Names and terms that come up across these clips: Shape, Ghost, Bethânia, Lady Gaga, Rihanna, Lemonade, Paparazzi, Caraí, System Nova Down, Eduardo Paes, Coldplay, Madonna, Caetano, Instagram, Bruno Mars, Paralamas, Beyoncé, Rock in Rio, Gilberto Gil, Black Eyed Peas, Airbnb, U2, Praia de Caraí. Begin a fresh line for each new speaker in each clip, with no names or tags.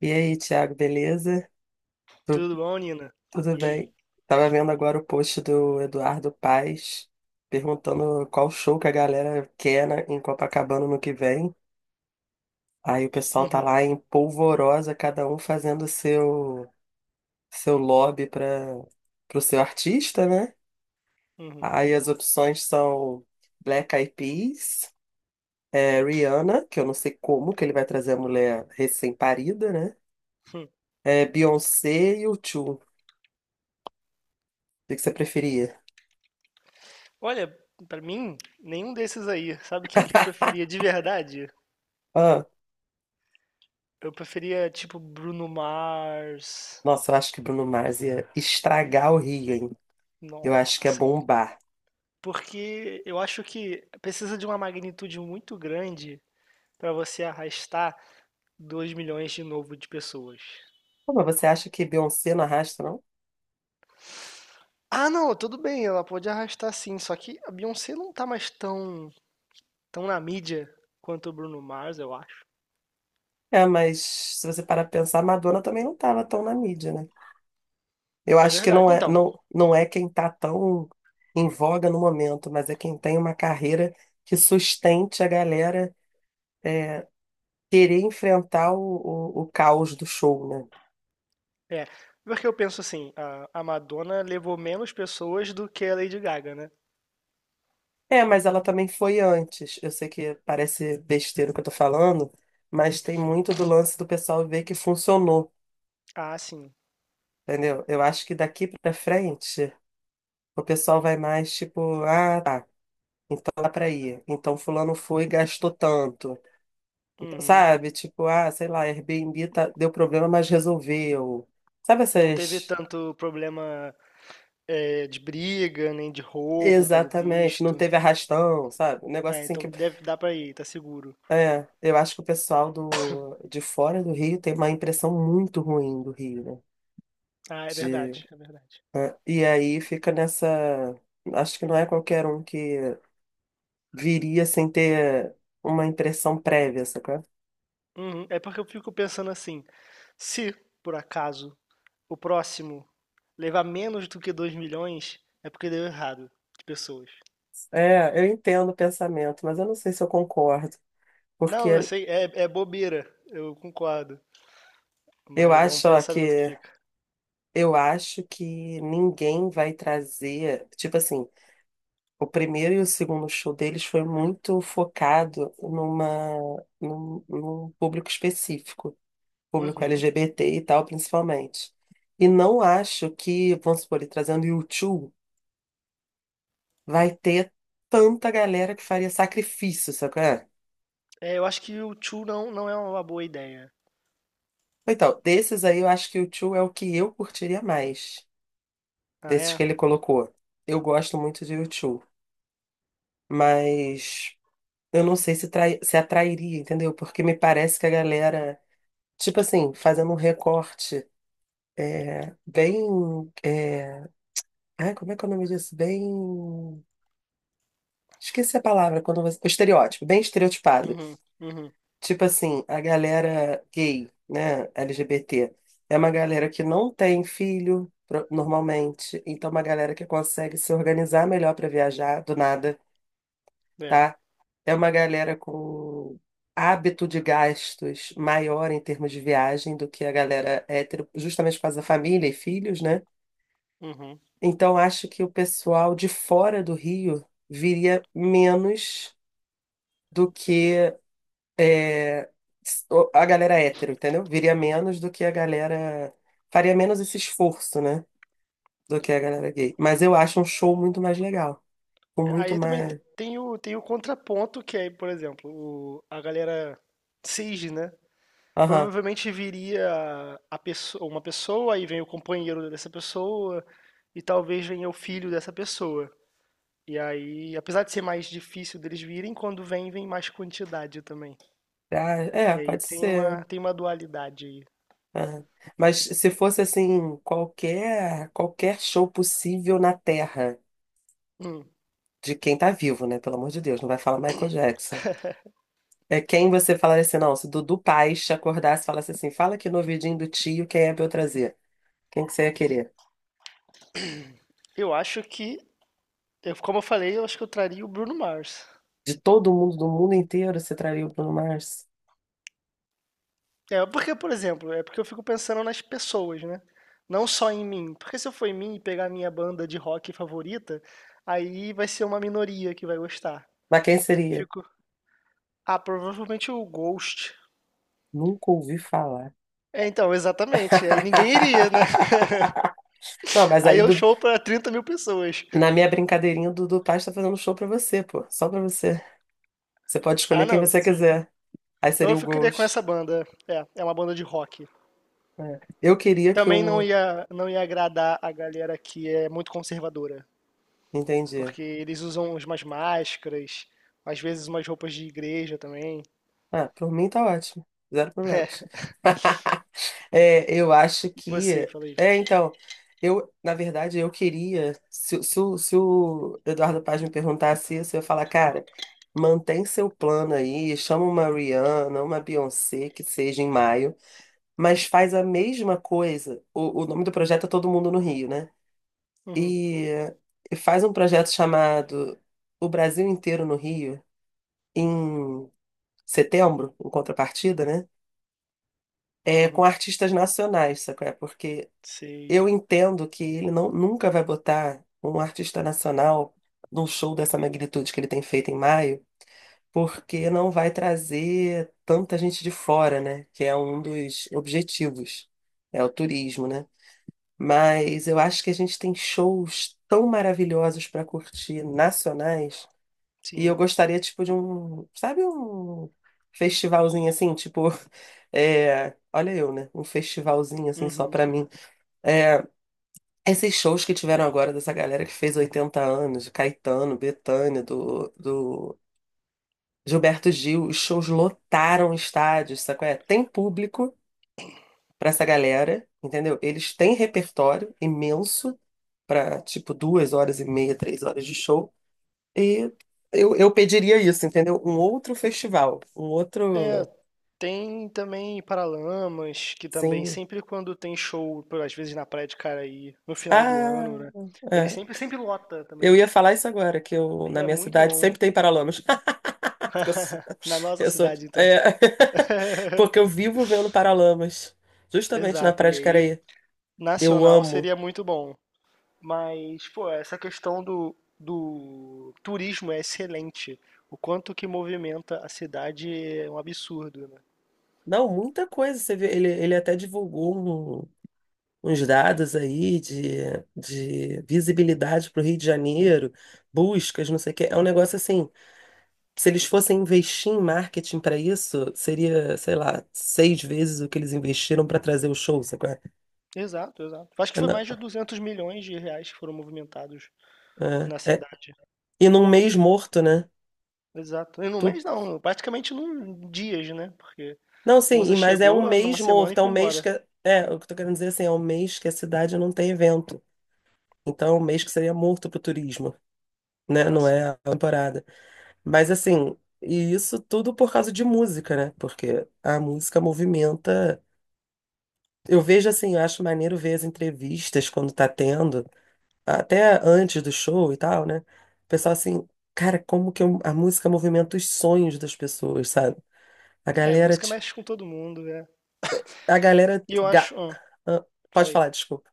E aí, Thiago, beleza? Tu-
Tudo bom, Nina?
Tudo
E aí?
bem? Tava vendo agora o post do Eduardo Paes perguntando qual show que a galera quer em Copacabana no que vem. Aí o pessoal tá
Uhum,
lá em polvorosa, cada um fazendo seu lobby para pro seu artista, né?
uhum.
Aí as opções são Black Eyed Peas, Rihanna, que eu não sei como que ele vai trazer a mulher recém-parida, né? É, Beyoncé e U2. O que que você preferia?
Olha, pra mim, nenhum desses aí. Sabe quem que eu preferia de verdade? Eu preferia, tipo, Bruno Mars.
Nossa, eu acho que Bruno Mars ia estragar o Rio, hein? Eu acho que é
Nossa,
bombar.
porque eu acho que precisa de uma magnitude muito grande pra você arrastar 2 milhões de novo de pessoas.
Pô, mas você acha que Beyoncé não arrasta, não?
Ah, não, tudo bem, ela pode arrastar sim, só que a Beyoncé não tá mais tão, tão na mídia quanto o Bruno Mars, eu acho.
É, mas se você parar pra pensar, Madonna também não tava tão na mídia, né? Eu
É
acho que
verdade.
não é,
Então,
não, não é quem tá tão em voga no momento, mas é quem tem uma carreira que sustente a galera é, querer enfrentar o caos do show, né?
é, porque eu penso assim, a Madonna levou menos pessoas do que a Lady Gaga, né?
É, mas ela também foi antes. Eu sei que parece besteira o que eu tô falando, mas tem muito do lance do pessoal ver que funcionou.
Ah, sim.
Entendeu? Eu acho que daqui pra frente o pessoal vai mais tipo, ah, tá. Então dá pra ir. Então fulano foi e gastou tanto. Então,
Uhum.
sabe? Tipo, ah, sei lá, Airbnb deu problema, mas resolveu. Sabe
Não teve
essas.
tanto problema, é, de briga, nem de roubo, pelo
Exatamente, não
visto.
teve arrastão, sabe? Um negócio
É,
assim
então
que.
deve dar pra ir, tá seguro.
É, eu acho que o pessoal de fora do Rio tem uma impressão muito ruim do Rio, né?
Ah, é
De,
verdade, é verdade.
e aí fica nessa. Acho que não é qualquer um que viria sem ter uma impressão prévia, sacou?
Uhum. É porque eu fico pensando assim, se, por acaso, o próximo levar menos do que 2 milhões, é porque deu errado de pessoas.
É, eu entendo o pensamento, mas eu não sei se eu concordo,
Não, eu
porque
sei, é, é bobeira, eu concordo,
eu
mas é um
acho, ó,
pensamento que
que
fica.
eu acho que ninguém vai trazer, tipo assim, o primeiro e o segundo show deles foi muito focado num público específico, público
Uhum.
LGBT e tal, principalmente. E não acho que, vamos supor, ele trazendo U2, vai ter tanta galera que faria sacrifício, sacou?
É, eu acho que o Chu não, não é uma boa ideia.
Então, desses aí eu acho que o U2 é o que eu curtiria mais,
Ah,
desses
é?
que ele colocou. Eu gosto muito de U2, mas eu não sei se atrairia, entendeu? Porque me parece que a galera, tipo assim, fazendo um recorte bem. É, ai, como é que é o nome disso? Bem. Esqueci a palavra quando você. O estereótipo, bem estereotipado.
Uhum, uhum,
Tipo assim, a galera gay, né, LGBT, é uma galera que não tem filho, normalmente, então é uma galera que consegue se organizar melhor para viajar, do nada,
é,
tá? É uma galera com hábito de gastos maior em termos de viagem do que a galera hétero, justamente por causa da família e filhos, né?
uhum.
Então acho que o pessoal de fora do Rio viria menos do que é, a galera é hétero, entendeu? Viria menos do que a galera. Faria menos esse esforço, né? Do que a galera gay. Mas eu acho um show muito mais legal. Com muito
Aí também
mais.
tem tem o contraponto, que é, por exemplo, a galera Sage, né?
Aham.
Provavelmente viria a pessoa, uma pessoa, aí vem o companheiro dessa pessoa, e talvez venha o filho dessa pessoa. E aí, apesar de ser mais difícil deles virem, quando vem, vem mais quantidade também.
Ah, é,
E aí
pode
tem
ser.
tem uma dualidade aí.
Aham. Mas se fosse assim, qualquer show possível na Terra,
Hum,
de quem tá vivo, né? Pelo amor de Deus, não vai falar Michael Jackson. É quem você falaria assim, não, se Dudu Paes te acordasse e falasse assim, fala aqui no ouvidinho do tio quem é pra eu trazer. Quem que você ia querer?
eu acho que Eu, como eu falei, eu acho que eu traria o Bruno Mars.
De todo mundo, do mundo inteiro, você traria o Bruno Mars?
É, porque, por exemplo, é porque eu fico pensando nas pessoas, né? Não só em mim. Porque se eu for em mim e pegar a minha banda de rock favorita, aí vai ser uma minoria que vai gostar.
Mas quem
Então eu
seria?
fico. Ah, provavelmente o Ghost.
Nunca ouvi falar.
É, então, exatamente. Aí ninguém iria, né?
Não, mas
Aí
aí
eu
Dudu,
show pra 30 mil pessoas.
na minha brincadeirinha, o Dudu Paz tá fazendo um show pra você, pô. Só pra você. Você pode escolher
Ah,
quem
não,
você
sim.
quiser. Aí
Então
seria
eu
o
ficaria com
Ghost.
essa banda. É, é uma banda de rock.
É. Eu queria que
Também não
o.
ia, não ia agradar a galera que é muito conservadora,
Entendi.
porque eles usam umas máscaras, às vezes umas roupas de igreja também.
Ah, por mim tá ótimo. Zero problemas. É, eu acho
E
que.
você, falei,
É, então, eu, na verdade, eu queria. Se o Eduardo Paz me perguntasse isso, eu ia falar, cara, mantém seu plano aí, chama uma Rihanna, uma Beyoncé, que seja em maio, mas faz a mesma coisa. O nome do projeto é Todo Mundo no Rio, né?
uhum,
E, e faz um projeto chamado O Brasil Inteiro no Rio, em setembro, em contrapartida, né? É, com
uhum,
artistas nacionais, sabe? É? Porque
sei,
eu entendo que ele nunca vai botar um artista nacional num show dessa magnitude que ele tem feito em maio, porque não vai trazer tanta gente de fora, né? Que é um dos objetivos, é o turismo, né? Mas eu acho que a gente tem shows tão maravilhosos para curtir nacionais, e eu
sim,
gostaria, tipo, de um, sabe, um festivalzinho assim, tipo, é, olha eu, né? Um festivalzinho assim só
uhum.
para mim. Esses shows que tiveram agora dessa galera que fez 80 anos, de Caetano, Bethânia, do Gilberto Gil, os shows lotaram estádios, sabe qual é? Tem público pra essa galera, entendeu? Eles têm repertório imenso pra tipo duas horas e meia, três horas de show. E eu pediria isso, entendeu? Um outro festival, um
É,
outro,
tem também Paralamas, que também
sim.
sempre quando tem show, às vezes na Praia de Caraí, no final do
Ah,
ano, né? Ele
é.
sempre, sempre lota
Eu
também.
ia falar isso agora, que eu,
E
na
é
minha
muito
cidade
bom.
sempre tem Paralamas. Porque eu sou.
Na nossa
eu sou-
cidade, então.
é, Porque eu vivo vendo Paralamas, justamente na
Exato.
Praia
E
de
aí,
Caraí. Eu
nacional
amo.
seria muito bom. Mas, pô, essa questão do turismo é excelente. O quanto que movimenta a cidade é um absurdo, né?
Não, muita coisa. Você vê, ele até divulgou uns dados aí de visibilidade para o Rio de Janeiro, buscas, não sei o quê. É um negócio assim. Se eles fossem investir em marketing para isso, seria, sei lá, seis vezes o que eles investiram para trazer o show, sabe? Qual é?
Exato, exato. Acho que
É,
foi
não,
mais de 200 milhões de reais que foram movimentados
é,
na
é.
cidade.
E num mês morto, né?
Exato. E no mês não, praticamente num dias, né? Porque
Não,
a
sim,
moça
mas é um
chegou numa
mês
semana e
morto, é um
foi
mês que.
embora.
É, o que eu tô querendo dizer assim, é um mês que a cidade não tem evento. Então, é um mês que seria morto pro turismo, né?
Ah,
Não
sim.
é a temporada. Mas assim, e isso tudo por causa de música, né? Porque a música movimenta. Eu vejo assim, eu acho maneiro ver as entrevistas quando tá tendo, até antes do show e tal, né? O pessoal assim, cara, a música movimenta os sonhos das pessoas, sabe? A
É,
galera,
música
tipo,
mexe com todo mundo, é.
a galera.
E eu acho. Ah,
Ah, pode
falei.
falar, desculpa.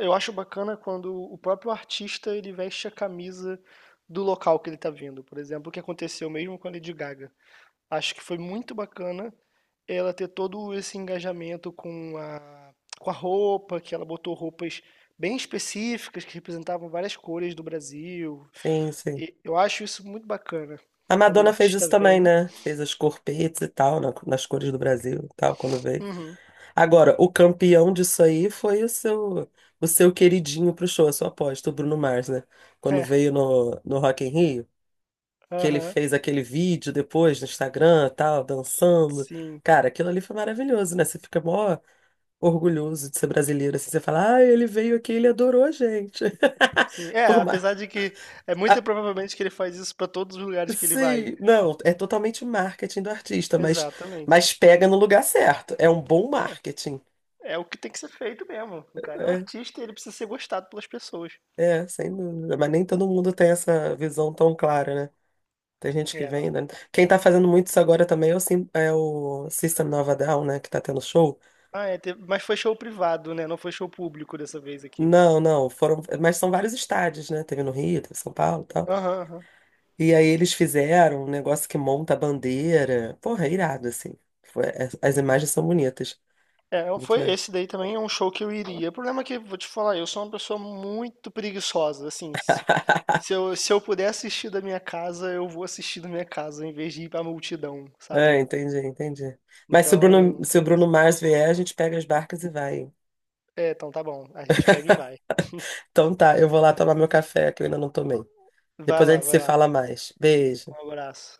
Eu acho bacana quando o próprio artista ele veste a camisa do local que ele está vindo. Por exemplo, o que aconteceu mesmo com a Lady Gaga. Acho que foi muito bacana ela ter todo esse engajamento com com a roupa, que ela botou roupas bem específicas que representavam várias cores do Brasil.
Sim, sim.
E eu acho isso muito bacana
A
quando o
Madonna fez
artista
isso também,
vem.
né? Fez as corpetes e tal, nas cores do Brasil e tal, quando veio.
Uhum.
Agora, o campeão disso aí foi o seu, queridinho pro show, a sua aposta, o Bruno Mars, né? Quando veio no Rock in Rio, que
É,
ele
aham.
fez aquele vídeo depois no Instagram e tal, dançando.
Sim,
Cara, aquilo ali foi maravilhoso, né? Você fica mó orgulhoso de ser brasileiro, assim, você fala, ah, ele veio aqui, ele adorou a gente.
sim. É,
Por mais.
apesar de que é muito provavelmente que ele faz isso para todos os lugares que ele vai.
Sim, não, é totalmente marketing do artista,
Exatamente.
mas pega no lugar certo. É um bom
É,
marketing.
é o que tem que ser feito mesmo. O cara é um
É,
artista e ele precisa ser gostado pelas pessoas.
é, sem dúvida. Mas nem todo mundo tem essa visão tão clara, né? Tem gente que
É,
vem,
não.
né? Quem tá fazendo muito isso agora também é o System Nova Down, né? Que tá tendo show.
Ah, é, mas foi show privado, né? Não foi show público dessa vez aqui.
Não, não, foram. Mas são vários estádios, né? Teve no Rio, teve em São Paulo e tal.
Aham, aham.
E aí eles fizeram um negócio que monta a bandeira. Porra, é irado, assim. As imagens são bonitas. Muito
Foi
legal.
esse daí também é um show que eu iria. O problema é que, vou te falar, eu sou uma pessoa muito preguiçosa, assim, se, se eu puder assistir da minha casa, eu vou assistir da minha casa, em vez de ir pra multidão,
Ah,
sabe?
entendi, entendi. Mas
Então,
se o
tem
Bruno,
isso.
Mars vier, a gente pega as barcas e vai.
É, então tá bom, a gente pega e vai.
Então tá, eu vou lá tomar meu café, que eu ainda não tomei.
Vai
Depois a
lá,
gente
vai
se
lá.
fala mais. Beijo.
Um abraço.